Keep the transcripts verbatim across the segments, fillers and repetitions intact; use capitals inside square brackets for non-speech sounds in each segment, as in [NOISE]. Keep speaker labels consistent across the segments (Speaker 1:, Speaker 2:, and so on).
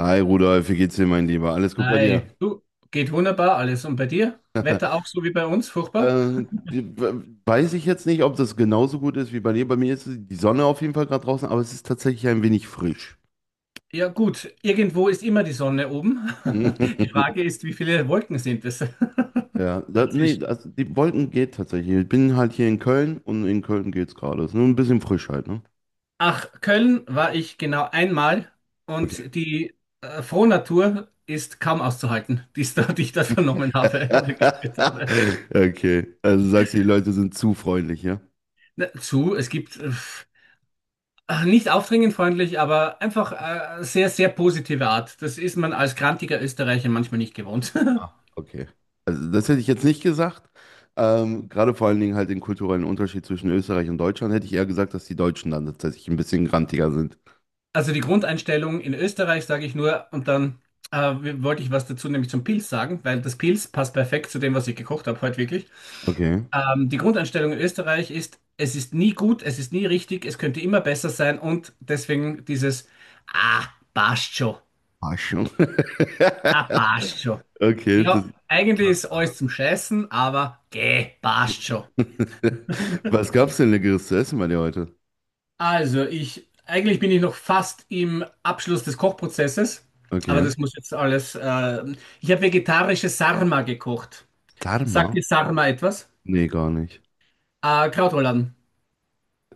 Speaker 1: Hi Rudolf, wie geht's dir, mein Lieber? Alles gut bei dir?
Speaker 2: Hi, du, geht wunderbar alles. Und bei dir?
Speaker 1: [LAUGHS]
Speaker 2: Wetter auch so wie bei uns, furchtbar?
Speaker 1: äh, weiß ich jetzt nicht, ob das genauso gut ist wie bei dir. Bei mir ist die Sonne auf jeden Fall gerade draußen, aber es ist tatsächlich ein wenig frisch.
Speaker 2: Ja, gut, irgendwo ist immer die Sonne oben. [LAUGHS] Die
Speaker 1: [LAUGHS]
Speaker 2: Frage ist, wie viele Wolken sind es
Speaker 1: Ja,
Speaker 2: [LAUGHS]
Speaker 1: da, nee,
Speaker 2: dazwischen?
Speaker 1: also die Wolken geht tatsächlich. Ich bin halt hier in Köln und in Köln geht's gerade. Ist nur ein bisschen frisch halt, ne?
Speaker 2: Ach, Köln war ich genau einmal
Speaker 1: Okay.
Speaker 2: und die äh, Frohnatur ist kaum auszuhalten, die ich da, [LAUGHS] die ich da vernommen habe [LAUGHS] oder gespürt
Speaker 1: [LAUGHS]
Speaker 2: habe.
Speaker 1: Okay, also sagst du, die Leute sind zu freundlich, ja?
Speaker 2: Na, zu, es gibt äh, ach, nicht aufdringend freundlich, aber einfach äh, sehr, sehr positive Art. Das ist man als grantiger Österreicher manchmal nicht gewohnt. [LAUGHS]
Speaker 1: Ah, okay. Also das hätte ich jetzt nicht gesagt. Ähm, gerade vor allen Dingen halt den kulturellen Unterschied zwischen Österreich und Deutschland hätte ich eher gesagt, dass die Deutschen dann tatsächlich ein bisschen grantiger sind.
Speaker 2: Also die Grundeinstellung in Österreich sage ich nur und dann äh, wollte ich was dazu nämlich zum Pilz sagen, weil das Pilz passt perfekt zu dem, was ich gekocht habe heute wirklich.
Speaker 1: Okay.
Speaker 2: Ähm, die Grundeinstellung in Österreich ist, es ist nie gut, es ist nie richtig, es könnte immer besser sein und deswegen dieses Ah, passt schon,
Speaker 1: Ah, schon. [LAUGHS]
Speaker 2: ah, passt schon.
Speaker 1: Okay, das
Speaker 2: Ja, eigentlich
Speaker 1: passt.
Speaker 2: ist alles zum Scheißen, aber geh, passt schon.
Speaker 1: [LAUGHS] Was gab's denn Leckeres zu essen bei dir heute?
Speaker 2: Also, ich eigentlich bin ich noch fast im Abschluss des Kochprozesses, aber
Speaker 1: Okay.
Speaker 2: das muss jetzt alles. Äh, ich habe vegetarische Sarma gekocht. Sagt
Speaker 1: Dharma?
Speaker 2: dir Sarma etwas?
Speaker 1: Nee, gar nicht.
Speaker 2: Äh, Krautrouladen.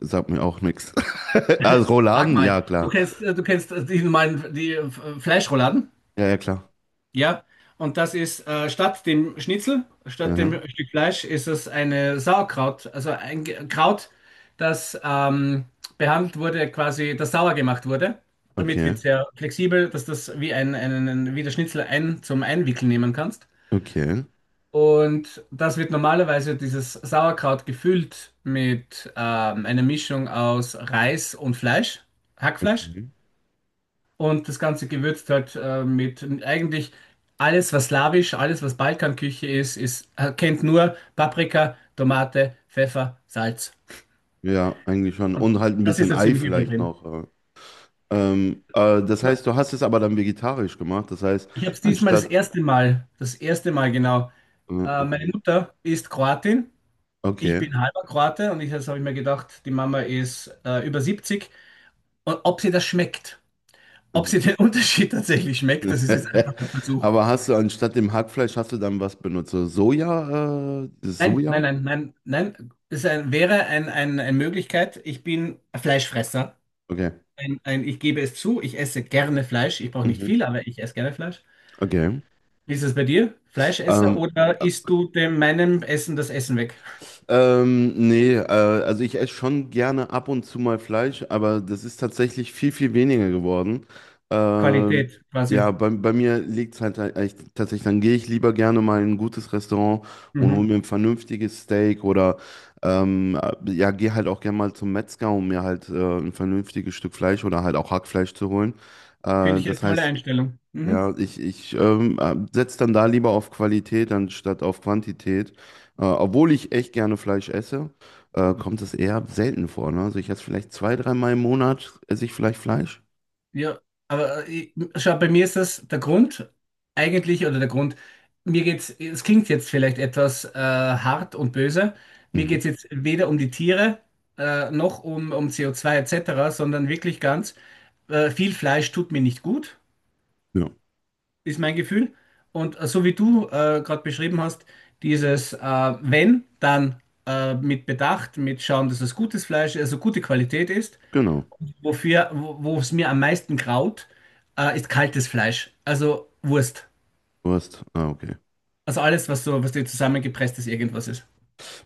Speaker 1: Sagt mir auch nichts. [LAUGHS] Also
Speaker 2: Sag
Speaker 1: Rouladen?
Speaker 2: mal,
Speaker 1: Ja,
Speaker 2: du
Speaker 1: klar.
Speaker 2: kennst, äh, du kennst äh, die normalen die äh, Fleischrouladen?
Speaker 1: Ja, ja, klar.
Speaker 2: Ja, und das ist äh, statt dem Schnitzel, statt dem
Speaker 1: Ja,
Speaker 2: Stück Fleisch, ist es eine Sauerkraut, also ein Ge- Kraut, das ähm, behandelt wurde, quasi, das sauer gemacht wurde. Damit wird
Speaker 1: okay.
Speaker 2: es sehr flexibel, dass das wie ein, einen, wie der Schnitzel ein, zum Einwickeln nehmen kannst.
Speaker 1: Okay.
Speaker 2: Und das wird normalerweise dieses Sauerkraut gefüllt mit ähm, einer Mischung aus Reis und Fleisch, Hackfleisch.
Speaker 1: Okay.
Speaker 2: Und das Ganze gewürzt halt äh, mit eigentlich alles, was slawisch, alles, was Balkanküche ist, ist, äh, kennt nur Paprika, Tomate, Pfeffer, Salz.
Speaker 1: Ja, eigentlich schon.
Speaker 2: Und
Speaker 1: Und halt ein
Speaker 2: das ist
Speaker 1: bisschen
Speaker 2: ja
Speaker 1: Ei
Speaker 2: ziemlich übel
Speaker 1: vielleicht
Speaker 2: drin.
Speaker 1: noch. äh, Ähm, äh, das
Speaker 2: Ja.
Speaker 1: heißt, du hast es aber dann vegetarisch gemacht. Das heißt,
Speaker 2: Ich habe es diesmal das
Speaker 1: anstatt.
Speaker 2: erste Mal, das erste Mal genau.
Speaker 1: äh,
Speaker 2: Äh, meine
Speaker 1: Okay.
Speaker 2: Mutter ist Kroatin, ich
Speaker 1: Okay.
Speaker 2: bin halber Kroate und ich, das habe ich mir gedacht, die Mama ist äh, über siebzig. Und ob sie das schmeckt, ob sie
Speaker 1: Mhm.
Speaker 2: den [LAUGHS] Unterschied tatsächlich schmeckt, das ist jetzt einfach
Speaker 1: [LAUGHS]
Speaker 2: ein Versuch.
Speaker 1: Aber hast du anstatt dem Hackfleisch hast du dann was benutzt? So Soja? Äh, dieses
Speaker 2: Nein, nein,
Speaker 1: Soja?
Speaker 2: nein, nein, nein. Es ein, wäre ein, ein, eine Möglichkeit. Ich bin ein Fleischfresser.
Speaker 1: Okay.
Speaker 2: Ein, ein, ich gebe es zu, ich esse gerne Fleisch. Ich brauche nicht
Speaker 1: Mhm.
Speaker 2: viel, aber ich esse gerne Fleisch.
Speaker 1: Okay.
Speaker 2: Wie ist es bei dir? Fleischesser
Speaker 1: Ähm,
Speaker 2: oder
Speaker 1: äh,
Speaker 2: isst du dem meinem Essen das Essen weg?
Speaker 1: Ähm, nee, äh, also ich esse schon gerne ab und zu mal Fleisch, aber das ist tatsächlich viel, viel weniger geworden. Ähm,
Speaker 2: Qualität
Speaker 1: ja,
Speaker 2: quasi.
Speaker 1: bei, bei mir liegt es halt eigentlich tatsächlich, dann gehe ich lieber gerne mal in ein gutes Restaurant und
Speaker 2: Mhm.
Speaker 1: hole mir ein vernünftiges Steak oder ähm, äh, ja, gehe halt auch gerne mal zum Metzger, um mir halt äh, ein vernünftiges Stück Fleisch oder halt auch Hackfleisch zu holen. Äh,
Speaker 2: Finde ich eine
Speaker 1: das
Speaker 2: tolle
Speaker 1: heißt,
Speaker 2: Einstellung. Mhm.
Speaker 1: ja, ich, ich ähm, setze dann da lieber auf Qualität anstatt auf Quantität. Äh, obwohl ich echt gerne Fleisch esse, äh, kommt es eher selten vor. Ne? Also ich esse vielleicht zwei, dreimal im Monat, esse ich vielleicht Fleisch.
Speaker 2: Ja, aber äh, ich, schau, bei mir ist das der Grund eigentlich, oder der Grund, mir geht's, es klingt jetzt vielleicht etwas äh, hart und böse, mir
Speaker 1: Mhm.
Speaker 2: geht's jetzt weder um die Tiere äh, noch um, um C O zwei et cetera, sondern wirklich ganz, äh, viel Fleisch tut mir nicht gut,
Speaker 1: Ja,
Speaker 2: ist mein Gefühl. Und äh, so wie du äh, gerade beschrieben hast, dieses äh, wenn, dann äh, mit Bedacht, mit schauen, dass es gutes Fleisch, also gute Qualität ist.
Speaker 1: genau.
Speaker 2: Wofür, wo es mir am meisten graut, äh, ist kaltes Fleisch. Also Wurst.
Speaker 1: Du hast, ah, okay.
Speaker 2: Also alles, was so, was dir zusammengepresst ist, irgendwas ist.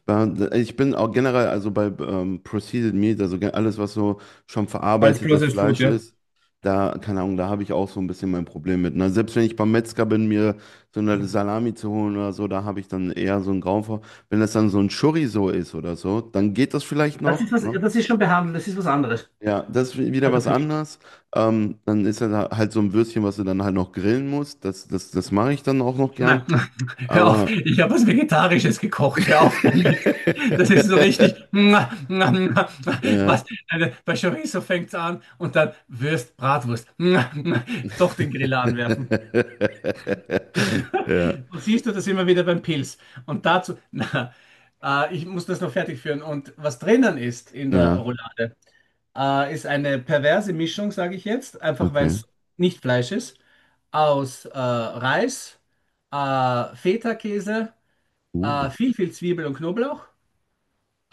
Speaker 1: Äh, Ich bin auch generell, also bei ähm, Processed Meat, also ge- alles, was so schon
Speaker 2: Alles bloß
Speaker 1: verarbeitetes
Speaker 2: als Food,
Speaker 1: Fleisch
Speaker 2: ja.
Speaker 1: ist, da, keine Ahnung, da habe ich auch so ein bisschen mein Problem mit. Ne? Selbst wenn ich beim Metzger bin, mir so eine Salami zu holen oder so, da habe ich dann eher so einen Grauen vor. Wenn das dann so ein Chorizo ist oder so, dann geht das vielleicht
Speaker 2: Das ist
Speaker 1: noch,
Speaker 2: was,
Speaker 1: ne?
Speaker 2: das ist schon behandelt, das ist was anderes.
Speaker 1: Ja, das ist wieder
Speaker 2: Also
Speaker 1: was
Speaker 2: für mich.
Speaker 1: anderes. Ähm, dann ist das halt so ein Würstchen, was du dann halt noch grillen musst. Das, das, das mache ich dann auch noch gern.
Speaker 2: Na, [LAUGHS] hör auf,
Speaker 1: Aber.
Speaker 2: ich habe was Vegetarisches gekocht. Hör auf damit. Das
Speaker 1: [LAUGHS]
Speaker 2: ist so richtig. [LAUGHS]
Speaker 1: ja,
Speaker 2: Was? Also, bei Chorizo fängt's an und dann Würst, Bratwurst. [LAUGHS] Doch den Griller anwerfen.
Speaker 1: [LAUGHS] Ja,
Speaker 2: Und siehst du das immer wieder beim Pilz. Und dazu, [LAUGHS] na, äh, ich muss das noch fertig führen. Und was drinnen ist in der
Speaker 1: ja,
Speaker 2: Roulade, äh, ist eine perverse Mischung, sage ich jetzt, einfach weil
Speaker 1: okay.
Speaker 2: es nicht Fleisch ist, aus äh, Reis, äh, Feta-Käse,
Speaker 1: Uh,
Speaker 2: äh, viel, viel Zwiebel und Knoblauch,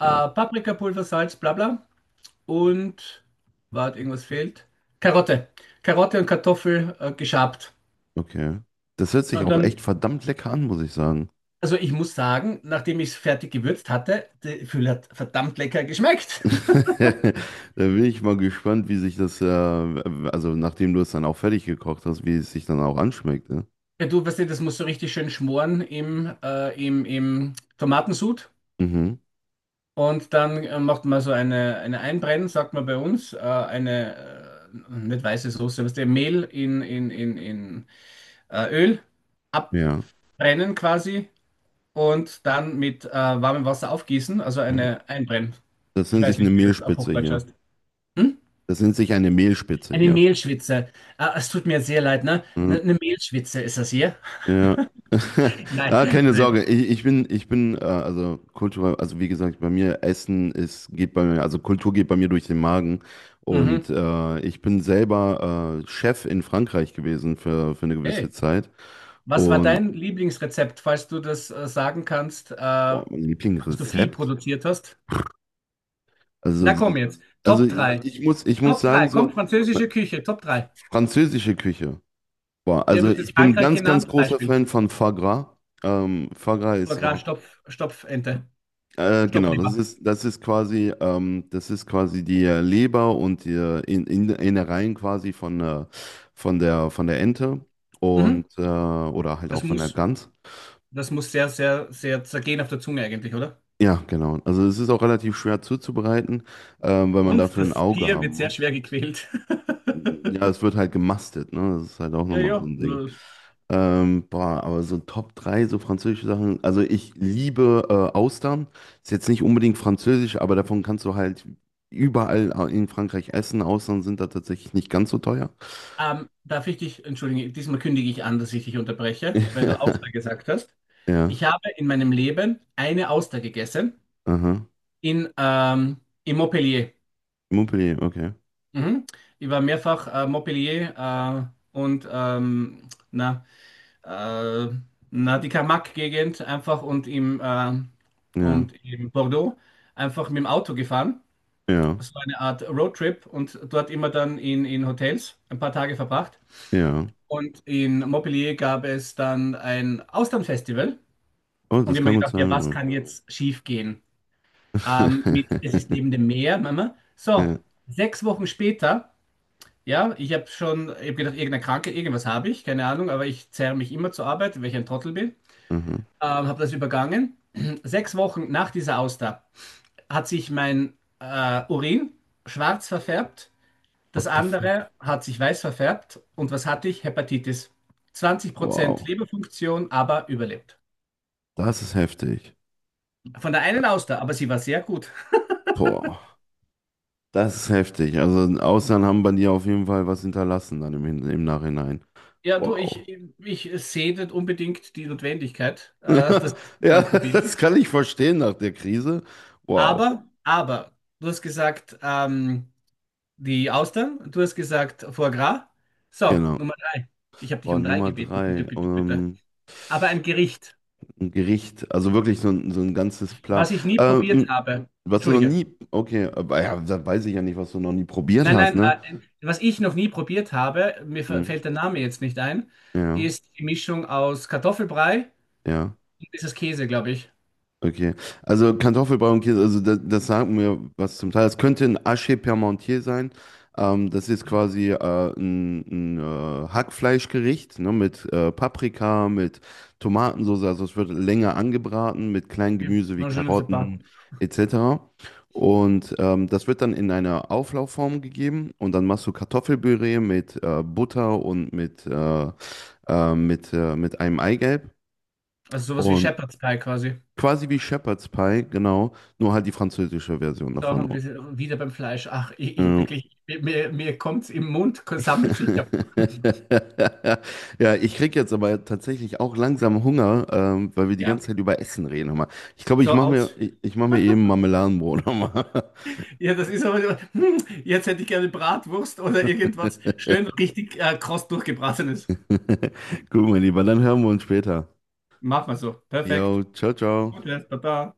Speaker 1: ja,
Speaker 2: Paprikapulver, Salz, bla bla. Und, warte, irgendwas fehlt. Karotte. Karotte und Kartoffel äh, geschabt.
Speaker 1: okay. Das hört sich
Speaker 2: Und
Speaker 1: auch
Speaker 2: dann
Speaker 1: echt verdammt lecker an, muss ich sagen.
Speaker 2: Also ich muss sagen, nachdem ich es fertig gewürzt hatte, der Füll hat verdammt lecker geschmeckt. [LAUGHS]
Speaker 1: [LAUGHS] Da bin ich mal gespannt, wie sich das, äh, also nachdem du es dann auch fertig gekocht hast, wie es sich dann auch anschmeckt. Ne?
Speaker 2: Ja, du weißt ja, das muss so richtig schön schmoren im, äh, im, im Tomatensud.
Speaker 1: Mhm.
Speaker 2: Und dann äh, macht man so eine, eine Einbrennen, sagt man bei uns, äh, eine äh, nicht weiße Soße, was der Mehl in, in, in, in äh, Öl
Speaker 1: Ja,
Speaker 2: abbrennen quasi und dann mit äh, warmem Wasser aufgießen, also
Speaker 1: ja.
Speaker 2: eine Einbrennen.
Speaker 1: Das
Speaker 2: Ich
Speaker 1: nennt sich
Speaker 2: weiß
Speaker 1: eine
Speaker 2: nicht, wie das auf
Speaker 1: Mehlspitze
Speaker 2: Hochdeutsch
Speaker 1: hier.
Speaker 2: heißt. Hm?
Speaker 1: Das nennt sich eine Mehlspitze
Speaker 2: Eine
Speaker 1: hier.
Speaker 2: Mehlschwitze. Ah, es tut mir sehr leid, ne? Ne- Eine
Speaker 1: Mhm.
Speaker 2: Mehlschwitze ist das hier?
Speaker 1: Ja. [LAUGHS]
Speaker 2: [LAUGHS] Nein,
Speaker 1: Ah, keine
Speaker 2: nein.
Speaker 1: Sorge. Ich, ich bin, ich bin, äh, also Kultur, also wie gesagt, bei mir Essen ist, geht bei mir, also Kultur geht bei mir durch den Magen.
Speaker 2: Mhm.
Speaker 1: Und äh, ich bin selber äh, Chef in Frankreich gewesen für, für eine gewisse
Speaker 2: Hey,
Speaker 1: Zeit.
Speaker 2: was war
Speaker 1: Und
Speaker 2: dein Lieblingsrezept, falls du das äh, sagen kannst, äh, als
Speaker 1: boah, mein
Speaker 2: du viel
Speaker 1: Lieblingsrezept.
Speaker 2: produziert hast? Na komm
Speaker 1: Also,
Speaker 2: jetzt,
Speaker 1: also
Speaker 2: Top
Speaker 1: ich,
Speaker 2: drei.
Speaker 1: ich muss, ich muss
Speaker 2: Top
Speaker 1: sagen,
Speaker 2: drei. Komm,
Speaker 1: so,
Speaker 2: französische Küche, Top drei.
Speaker 1: französische Küche. Boah,
Speaker 2: Wie hat
Speaker 1: also
Speaker 2: das jetzt
Speaker 1: ich bin
Speaker 2: Frankreich
Speaker 1: ganz, ganz
Speaker 2: genannt?
Speaker 1: großer
Speaker 2: Beispiel.
Speaker 1: Fan von Foie Gras. Ähm, Foie Gras ist
Speaker 2: Foie Gras,
Speaker 1: so.
Speaker 2: Stopf, Stopfente,
Speaker 1: Äh, genau, das
Speaker 2: Stopfleber.
Speaker 1: ist, das ist quasi, ähm, das ist quasi die äh, Leber und die äh, in, in, Innereien quasi von, äh, von der, von der Ente und,
Speaker 2: Mhm.
Speaker 1: äh, oder halt
Speaker 2: Das
Speaker 1: auch von der
Speaker 2: muss,
Speaker 1: Gans.
Speaker 2: das muss sehr, sehr, sehr zergehen auf der Zunge eigentlich, oder?
Speaker 1: Ja, genau. Also es ist auch relativ schwer zuzubereiten, ähm, weil man
Speaker 2: Und
Speaker 1: dafür ein
Speaker 2: das
Speaker 1: Auge
Speaker 2: Tier
Speaker 1: haben
Speaker 2: wird sehr
Speaker 1: muss.
Speaker 2: schwer gequält. [LAUGHS]
Speaker 1: Ja, es wird halt gemastet, ne? Das ist halt auch
Speaker 2: Ja,
Speaker 1: nochmal so
Speaker 2: ja.
Speaker 1: ein Ding. Ähm, boah, aber so Top drei so französische Sachen. Also ich liebe äh, Austern. Ist jetzt nicht unbedingt französisch, aber davon kannst du halt überall in Frankreich essen. Austern sind da tatsächlich nicht ganz so teuer.
Speaker 2: Ähm, darf ich dich, entschuldige, diesmal kündige ich an, dass ich dich unterbreche, weil du Auster
Speaker 1: [LAUGHS]
Speaker 2: gesagt hast.
Speaker 1: Ja,
Speaker 2: Ich habe in meinem Leben eine Auster gegessen
Speaker 1: aha.
Speaker 2: in, ähm, in Montpellier.
Speaker 1: Montpellier, okay.
Speaker 2: Mhm. Ich war mehrfach äh, Montpellier äh, und ähm, na, äh, na, die Camargue-Gegend einfach und im, ähm,
Speaker 1: Ja,
Speaker 2: und im Bordeaux einfach mit dem Auto gefahren.
Speaker 1: ja,
Speaker 2: Das war eine Art Roadtrip und dort immer dann in, in Hotels ein paar Tage verbracht.
Speaker 1: ja.
Speaker 2: Und in Montpellier gab es dann ein Austernfestival.
Speaker 1: Oh,
Speaker 2: Und
Speaker 1: das
Speaker 2: ich habe mir
Speaker 1: kann gut
Speaker 2: gedacht, ja,
Speaker 1: sein.
Speaker 2: was
Speaker 1: Oh.
Speaker 2: kann jetzt schief gehen? Ähm, mit,
Speaker 1: [LAUGHS]
Speaker 2: es ist neben dem Meer, Mama. So,
Speaker 1: Ja,
Speaker 2: sechs Wochen später, ja, ich habe schon, ich habe gedacht, irgendeine Krankheit, irgendwas habe ich, keine Ahnung, aber ich zerre mich immer zur Arbeit, weil ich ein Trottel bin.
Speaker 1: aha.
Speaker 2: Ähm, habe das übergangen. [CLEARS THROAT] Sechs Wochen nach dieser Auster hat sich mein äh, Urin schwarz verfärbt. Das
Speaker 1: What the fuck?
Speaker 2: andere hat sich weiß verfärbt. Und was hatte ich? Hepatitis. zwanzig Prozent
Speaker 1: Wow.
Speaker 2: Leberfunktion, aber überlebt.
Speaker 1: Das ist heftig.
Speaker 2: Von der einen Auster, aber sie war sehr gut.
Speaker 1: Boah. Das ist heftig. Also im Ausland haben bei dir auf jeden Fall was hinterlassen dann im, Hin- im Nachhinein.
Speaker 2: Ja, du,
Speaker 1: Wow.
Speaker 2: ich,
Speaker 1: [LAUGHS]
Speaker 2: ich sehe nicht unbedingt die Notwendigkeit, äh,
Speaker 1: Ja,
Speaker 2: dass ich
Speaker 1: ja,
Speaker 2: mal
Speaker 1: das
Speaker 2: probiere.
Speaker 1: kann ich verstehen nach der Krise. Wow.
Speaker 2: Aber, aber, du hast gesagt, ähm, die Austern, du hast gesagt, Foie Gras. So, Nummer
Speaker 1: Genau.
Speaker 2: drei. Ich habe dich
Speaker 1: Boah,
Speaker 2: um drei
Speaker 1: Nummer
Speaker 2: gebeten, bitte,
Speaker 1: drei.
Speaker 2: bitte, bitte.
Speaker 1: Ähm,
Speaker 2: Aber ein Gericht,
Speaker 1: ein Gericht. Also wirklich so ein, so ein ganzes Plan.
Speaker 2: was ich nie probiert
Speaker 1: Ähm,
Speaker 2: habe.
Speaker 1: was du noch
Speaker 2: Entschuldige.
Speaker 1: nie. Okay, aber ja, da weiß ich ja nicht, was du noch nie probiert
Speaker 2: Nein,
Speaker 1: hast,
Speaker 2: nein,
Speaker 1: ne?
Speaker 2: äh, was ich noch nie probiert habe, mir f-
Speaker 1: Mhm.
Speaker 2: fällt der Name jetzt nicht ein,
Speaker 1: Ja,
Speaker 2: ist die Mischung aus Kartoffelbrei
Speaker 1: ja.
Speaker 2: und dieses Käse, glaube ich.
Speaker 1: Okay, also Kartoffelbrei und Käse, also das, das sagt mir was zum Teil. Es könnte ein Haché Parmentier sein. Ähm, das ist quasi äh, ein, ein äh, Hackfleischgericht ne, mit äh, Paprika, mit Tomatensauce. Also es wird länger angebraten mit kleinen
Speaker 2: Okay.
Speaker 1: Gemüse wie
Speaker 2: Noch ein schönes Paar.
Speaker 1: Karotten et cetera. Und ähm, das wird dann in eine Auflaufform gegeben und dann machst du Kartoffelpüree mit äh, Butter und mit, äh, äh, mit, äh, mit einem Eigelb.
Speaker 2: Also sowas wie
Speaker 1: Und
Speaker 2: Shepherd's Pie quasi.
Speaker 1: quasi wie Shepherd's Pie, genau. Nur halt die französische Version
Speaker 2: So,
Speaker 1: davon.
Speaker 2: und wir sind wieder beim Fleisch. Ach, ich, ich hab
Speaker 1: Ja.
Speaker 2: wirklich, mir, mir kommt's im Mund, sammelt sich ja. [LAUGHS]
Speaker 1: [LAUGHS] Ja, ich krieg jetzt aber tatsächlich auch langsam Hunger, ähm, weil wir die
Speaker 2: Ja,
Speaker 1: ganze Zeit über Essen reden. Hör mal. Ich glaube, ich
Speaker 2: so
Speaker 1: mache mir,
Speaker 2: aus.
Speaker 1: ich, ich mach mir eben Marmeladenbrot nochmal.
Speaker 2: Ja, das ist aber, so, hm, jetzt hätte ich gerne Bratwurst oder
Speaker 1: [LAUGHS]
Speaker 2: irgendwas schön richtig äh, kross durchgebratenes.
Speaker 1: Gut, mein Lieber, dann hören wir uns später.
Speaker 2: Mach mal so.
Speaker 1: Jo,
Speaker 2: Perfekt.
Speaker 1: ciao, ciao.
Speaker 2: Gutes, Baba.